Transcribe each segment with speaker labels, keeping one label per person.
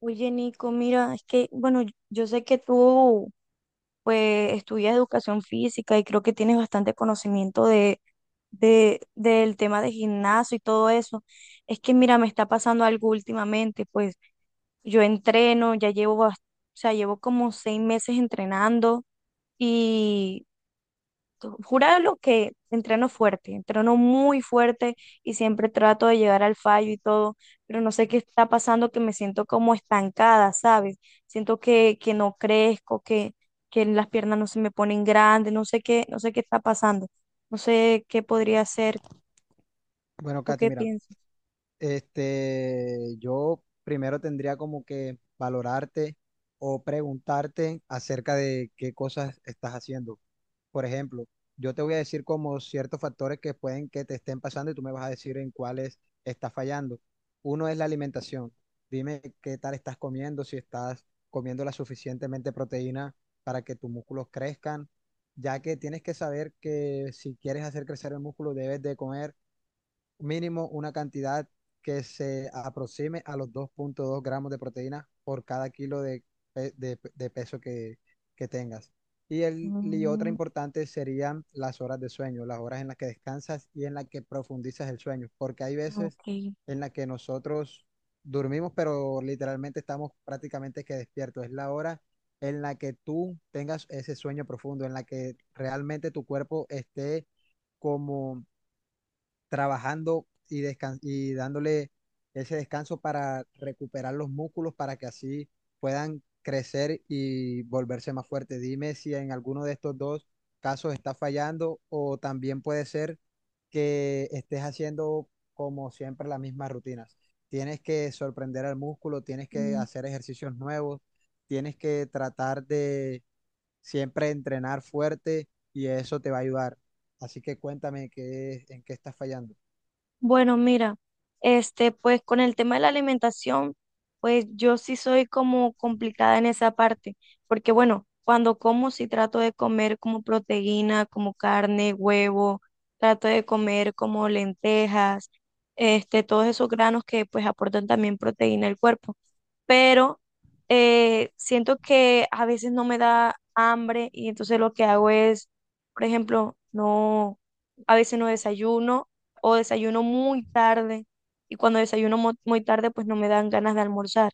Speaker 1: Oye, Nico, mira, es que, bueno, yo sé que tú, pues, estudias educación física y creo que tienes bastante conocimiento del tema de gimnasio y todo eso. Es que, mira, me está pasando algo últimamente, pues, yo entreno, ya llevo, o sea, llevo como 6 meses entrenando y Jurado que entreno fuerte, entreno muy fuerte y siempre trato de llegar al fallo y todo, pero no sé qué está pasando, que me siento como estancada, ¿sabes? Siento que no crezco, que las piernas no se me ponen grandes, no sé qué, no sé qué está pasando, no sé qué podría hacer.
Speaker 2: Bueno,
Speaker 1: ¿Tú
Speaker 2: Katy,
Speaker 1: qué
Speaker 2: mira,
Speaker 1: piensas?
Speaker 2: yo primero tendría como que valorarte o preguntarte acerca de qué cosas estás haciendo. Por ejemplo, yo te voy a decir como ciertos factores que pueden que te estén pasando y tú me vas a decir en cuáles estás fallando. Uno es la alimentación. Dime qué tal estás comiendo, si estás comiendo la suficientemente proteína para que tus músculos crezcan, ya que tienes que saber que si quieres hacer crecer el músculo debes de comer mínimo una cantidad que se aproxime a los 2,2 gramos de proteína por cada kilo de, de peso que tengas. Y otra
Speaker 1: Mm,
Speaker 2: importante serían las horas de sueño, las horas en las que descansas y en las que profundizas el sueño, porque hay veces
Speaker 1: ok.
Speaker 2: en las que nosotros dormimos, pero literalmente estamos prácticamente que despiertos. Es la hora en la que tú tengas ese sueño profundo, en la que realmente tu cuerpo esté como trabajando y, y dándole ese descanso para recuperar los músculos para que así puedan crecer y volverse más fuertes. Dime si en alguno de estos dos casos está fallando o también puede ser que estés haciendo como siempre las mismas rutinas. Tienes que sorprender al músculo, tienes que hacer ejercicios nuevos, tienes que tratar de siempre entrenar fuerte y eso te va a ayudar. Así que cuéntame en qué estás fallando.
Speaker 1: Bueno, mira, este, pues con el tema de la alimentación, pues yo sí soy como complicada en esa parte, porque bueno, cuando como sí trato de comer como proteína, como carne, huevo, trato de comer como lentejas, este, todos esos granos que pues aportan también proteína al cuerpo pero siento que a veces no me da hambre y entonces lo que hago es, por ejemplo, no, a veces no desayuno o desayuno muy tarde y cuando desayuno muy tarde pues no me dan ganas de almorzar.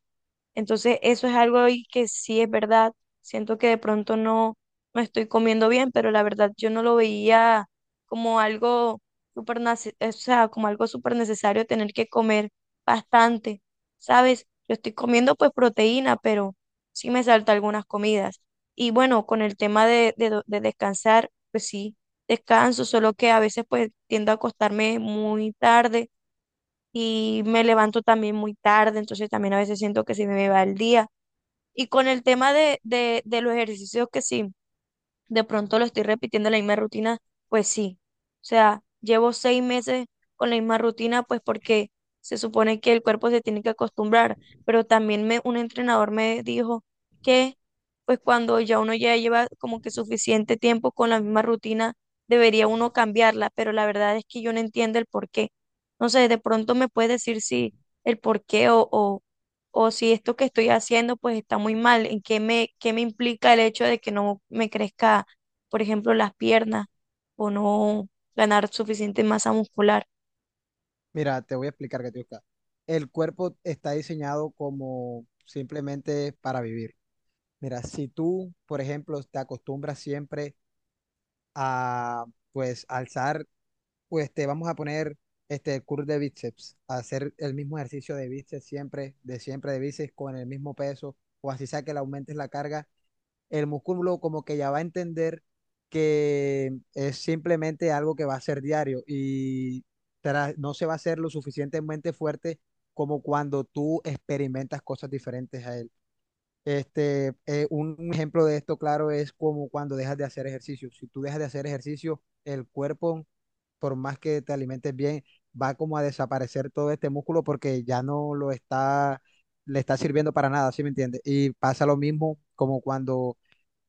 Speaker 1: Entonces, eso es algo y que sí es verdad. Siento que de pronto no, no estoy comiendo bien, pero la verdad yo no lo veía como algo o sea, como algo súper necesario tener que comer bastante, ¿sabes? Yo estoy comiendo pues proteína, pero sí me salta algunas comidas. Y bueno, con el tema de descansar, pues sí, descanso, solo que a veces pues tiendo a acostarme muy tarde y me levanto también muy tarde, entonces también a veces siento que se me va el día. Y con el tema de los ejercicios que sí, de pronto lo estoy repitiendo la misma rutina, pues sí. O sea, llevo 6 meses con la misma rutina, pues porque se supone que el cuerpo se tiene que acostumbrar, pero también me, un entrenador me dijo que pues cuando ya uno ya lleva como que suficiente tiempo con la misma rutina, debería uno cambiarla, pero la verdad es que yo no entiendo el por qué. No sé, de pronto me puedes decir si el por qué o o si esto que estoy haciendo pues está muy mal, en qué me implica el hecho de que no me crezca, por ejemplo, las piernas o no ganar suficiente masa muscular.
Speaker 2: Mira, te voy a explicar, Katiuska. El cuerpo está diseñado como simplemente para vivir. Mira, si tú, por ejemplo, te acostumbras siempre a, pues, alzar, pues, te vamos a poner el curl de bíceps, a hacer el mismo ejercicio de bíceps siempre de bíceps con el mismo peso, o así sea que le aumentes la carga, el músculo como que ya va a entender que es simplemente algo que va a ser diario y no se va a hacer lo suficientemente fuerte como cuando tú experimentas cosas diferentes a él. Un ejemplo de esto, claro, es como cuando dejas de hacer ejercicio. Si tú dejas de hacer ejercicio, el cuerpo, por más que te alimentes bien, va como a desaparecer todo este músculo porque ya no lo está, le está sirviendo para nada, ¿sí me entiendes? Y pasa lo mismo como cuando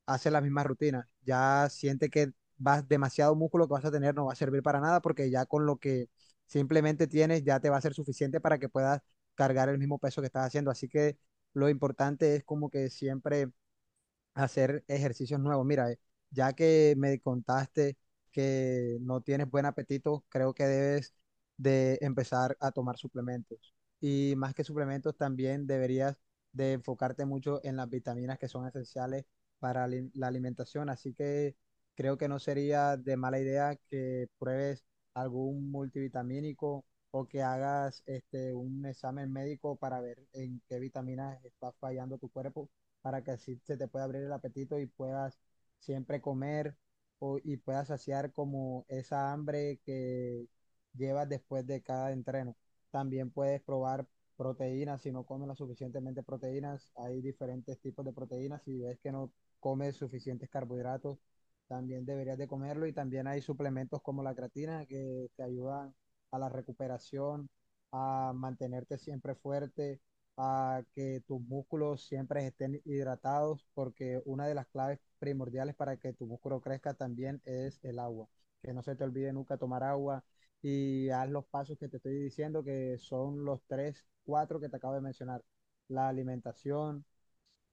Speaker 2: haces la misma rutina. Ya siente que vas demasiado músculo que vas a tener no va a servir para nada porque ya con lo que simplemente tienes ya te va a ser suficiente para que puedas cargar el mismo peso que estás haciendo. Así que lo importante es como que siempre hacer ejercicios nuevos. Mira, ya que me contaste que no tienes buen apetito, creo que debes de empezar a tomar suplementos. Y más que suplementos, también deberías de enfocarte mucho en las vitaminas que son esenciales para la alimentación. Así que creo que no sería de mala idea que pruebes algún multivitamínico o que hagas un examen médico para ver en qué vitaminas está fallando tu cuerpo para que así se te pueda abrir el apetito y puedas siempre comer y puedas saciar como esa hambre que llevas después de cada entreno. También puedes probar proteínas, si no comes lo suficientemente proteínas, hay diferentes tipos de proteínas, si ves que no comes suficientes carbohidratos, también deberías de comerlo y también hay suplementos como la creatina que te ayudan a la recuperación, a mantenerte siempre fuerte a que tus músculos siempre estén hidratados, porque una de las claves primordiales para que tu músculo crezca también es el agua. Que no se te olvide nunca tomar agua y haz los pasos que te estoy diciendo, que son los tres, cuatro que te acabo de mencionar. La alimentación,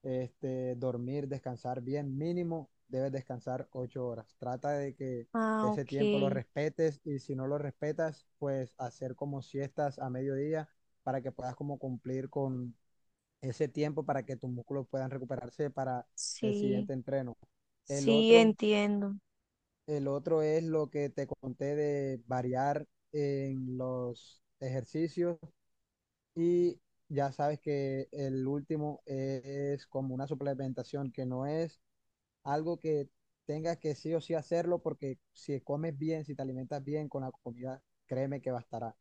Speaker 2: dormir, descansar bien, mínimo debes descansar 8 horas. Trata de que
Speaker 1: Ah,
Speaker 2: ese tiempo lo
Speaker 1: ok,
Speaker 2: respetes y si no lo respetas, pues hacer como siestas a mediodía para que puedas como cumplir con ese tiempo para que tus músculos puedan recuperarse para el
Speaker 1: sí,
Speaker 2: siguiente entreno. El
Speaker 1: sí,
Speaker 2: otro,
Speaker 1: entiendo,
Speaker 2: el otro es lo que te conté de variar en los ejercicios y ya sabes que el último es como una suplementación que no es algo que tengas que sí o sí hacerlo porque si comes bien, si te alimentas bien con la comida, créeme que bastará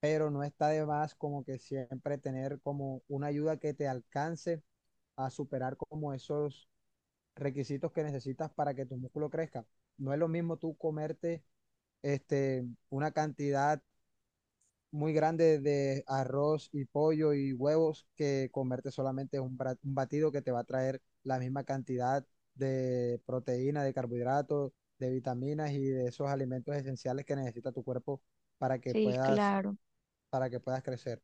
Speaker 2: pero no está de más como que siempre tener como una ayuda que te alcance a superar como esos requisitos que necesitas para que tu músculo crezca. No es lo mismo tú comerte una cantidad muy grande de arroz y pollo y huevos que comerte solamente un batido que te va a traer la misma cantidad de proteína, de carbohidratos, de vitaminas y de esos alimentos esenciales que necesita tu cuerpo para que
Speaker 1: sí,
Speaker 2: puedas
Speaker 1: claro,
Speaker 2: crecer.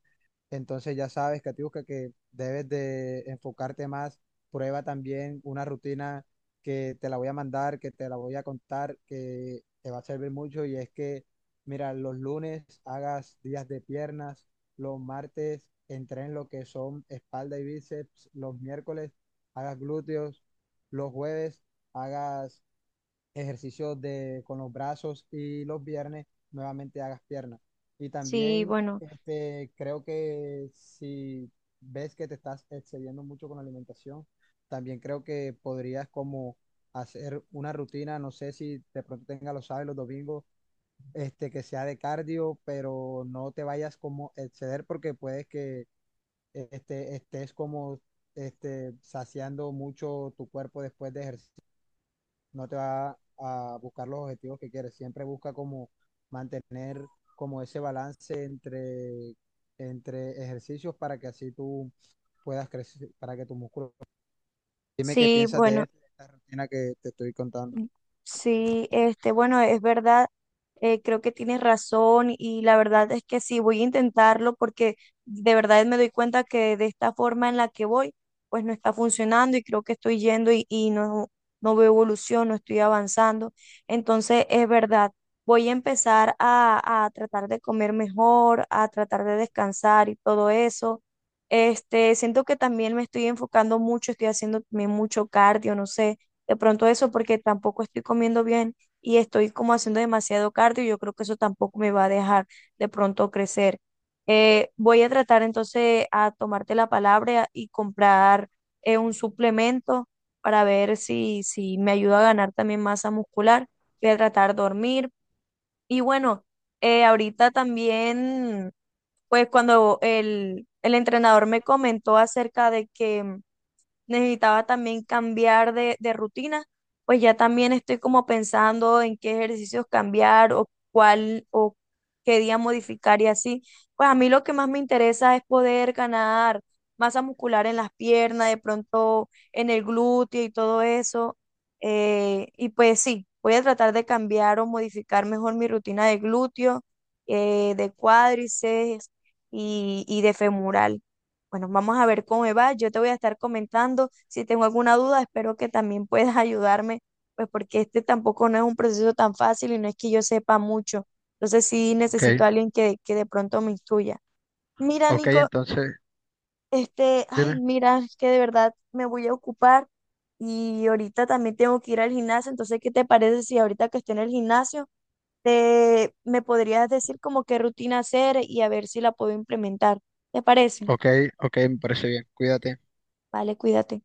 Speaker 2: Entonces ya sabes, Catiusca, que debes de enfocarte más. Prueba también una rutina que te la voy a mandar, que te la voy a contar, que te va a servir mucho. Y es que, mira, los lunes hagas días de piernas, los martes entren lo que son espalda y bíceps, los miércoles hagas glúteos, los jueves hagas ejercicios de, con los brazos y los viernes nuevamente hagas piernas. Y
Speaker 1: sí,
Speaker 2: también
Speaker 1: bueno,
Speaker 2: creo que si ves que te estás excediendo mucho con la alimentación, también creo que podrías como hacer una rutina, no sé si de pronto tengas los sábados y los domingos, que sea de cardio, pero no te vayas como exceder porque puedes que estés como saciando mucho tu cuerpo después de ejercicio no te va a buscar los objetivos que quieres. Siempre busca como mantener como ese balance entre ejercicios para que así tú puedas crecer, para que tu músculo... Dime qué
Speaker 1: sí,
Speaker 2: piensas de
Speaker 1: bueno.
Speaker 2: esto, de esta rutina que te estoy contando.
Speaker 1: Sí, este, bueno, es verdad, creo que tienes razón y la verdad es que sí, voy a intentarlo porque de verdad me doy cuenta que de esta forma en la que voy, pues no está funcionando y creo que estoy yendo y no, no veo evolución, no estoy avanzando. Entonces, es verdad, voy a empezar a tratar de comer mejor, a tratar de descansar y todo eso. Este, siento que también me estoy enfocando mucho, estoy haciendo también mucho cardio, no sé de pronto eso porque tampoco estoy comiendo bien y estoy como haciendo demasiado cardio y yo creo que eso tampoco me va a dejar de pronto crecer. Voy a tratar entonces a tomarte la palabra y comprar un suplemento para ver si, si me ayuda a ganar también masa muscular. Voy a tratar de dormir. Y bueno, ahorita también, pues cuando el entrenador me comentó acerca de que necesitaba también cambiar de rutina, pues ya también estoy como pensando en qué ejercicios cambiar o cuál o qué día modificar y así. Pues a mí lo que más me interesa es poder ganar masa muscular en las piernas, de pronto en el glúteo y todo eso. Y pues sí, voy a tratar de cambiar o modificar mejor mi rutina de glúteo, de cuádriceps y de femoral. Bueno, vamos a ver cómo me va. Yo te voy a estar comentando. Si tengo alguna duda, espero que también puedas ayudarme, pues porque este tampoco no es un proceso tan fácil y no es que yo sepa mucho. Entonces sí
Speaker 2: Ok,
Speaker 1: necesito a alguien que de pronto me instruya. Mira,
Speaker 2: ok,
Speaker 1: Nico,
Speaker 2: entonces,
Speaker 1: este, ay,
Speaker 2: dime.
Speaker 1: mira, es que de verdad me voy a ocupar y ahorita también tengo que ir al gimnasio. Entonces, ¿qué te parece si ahorita que esté en el gimnasio, te, me podrías decir como qué rutina hacer y a ver si la puedo implementar? ¿Te parece?
Speaker 2: Ok, ok, me parece bien. Cuídate.
Speaker 1: Vale, cuídate.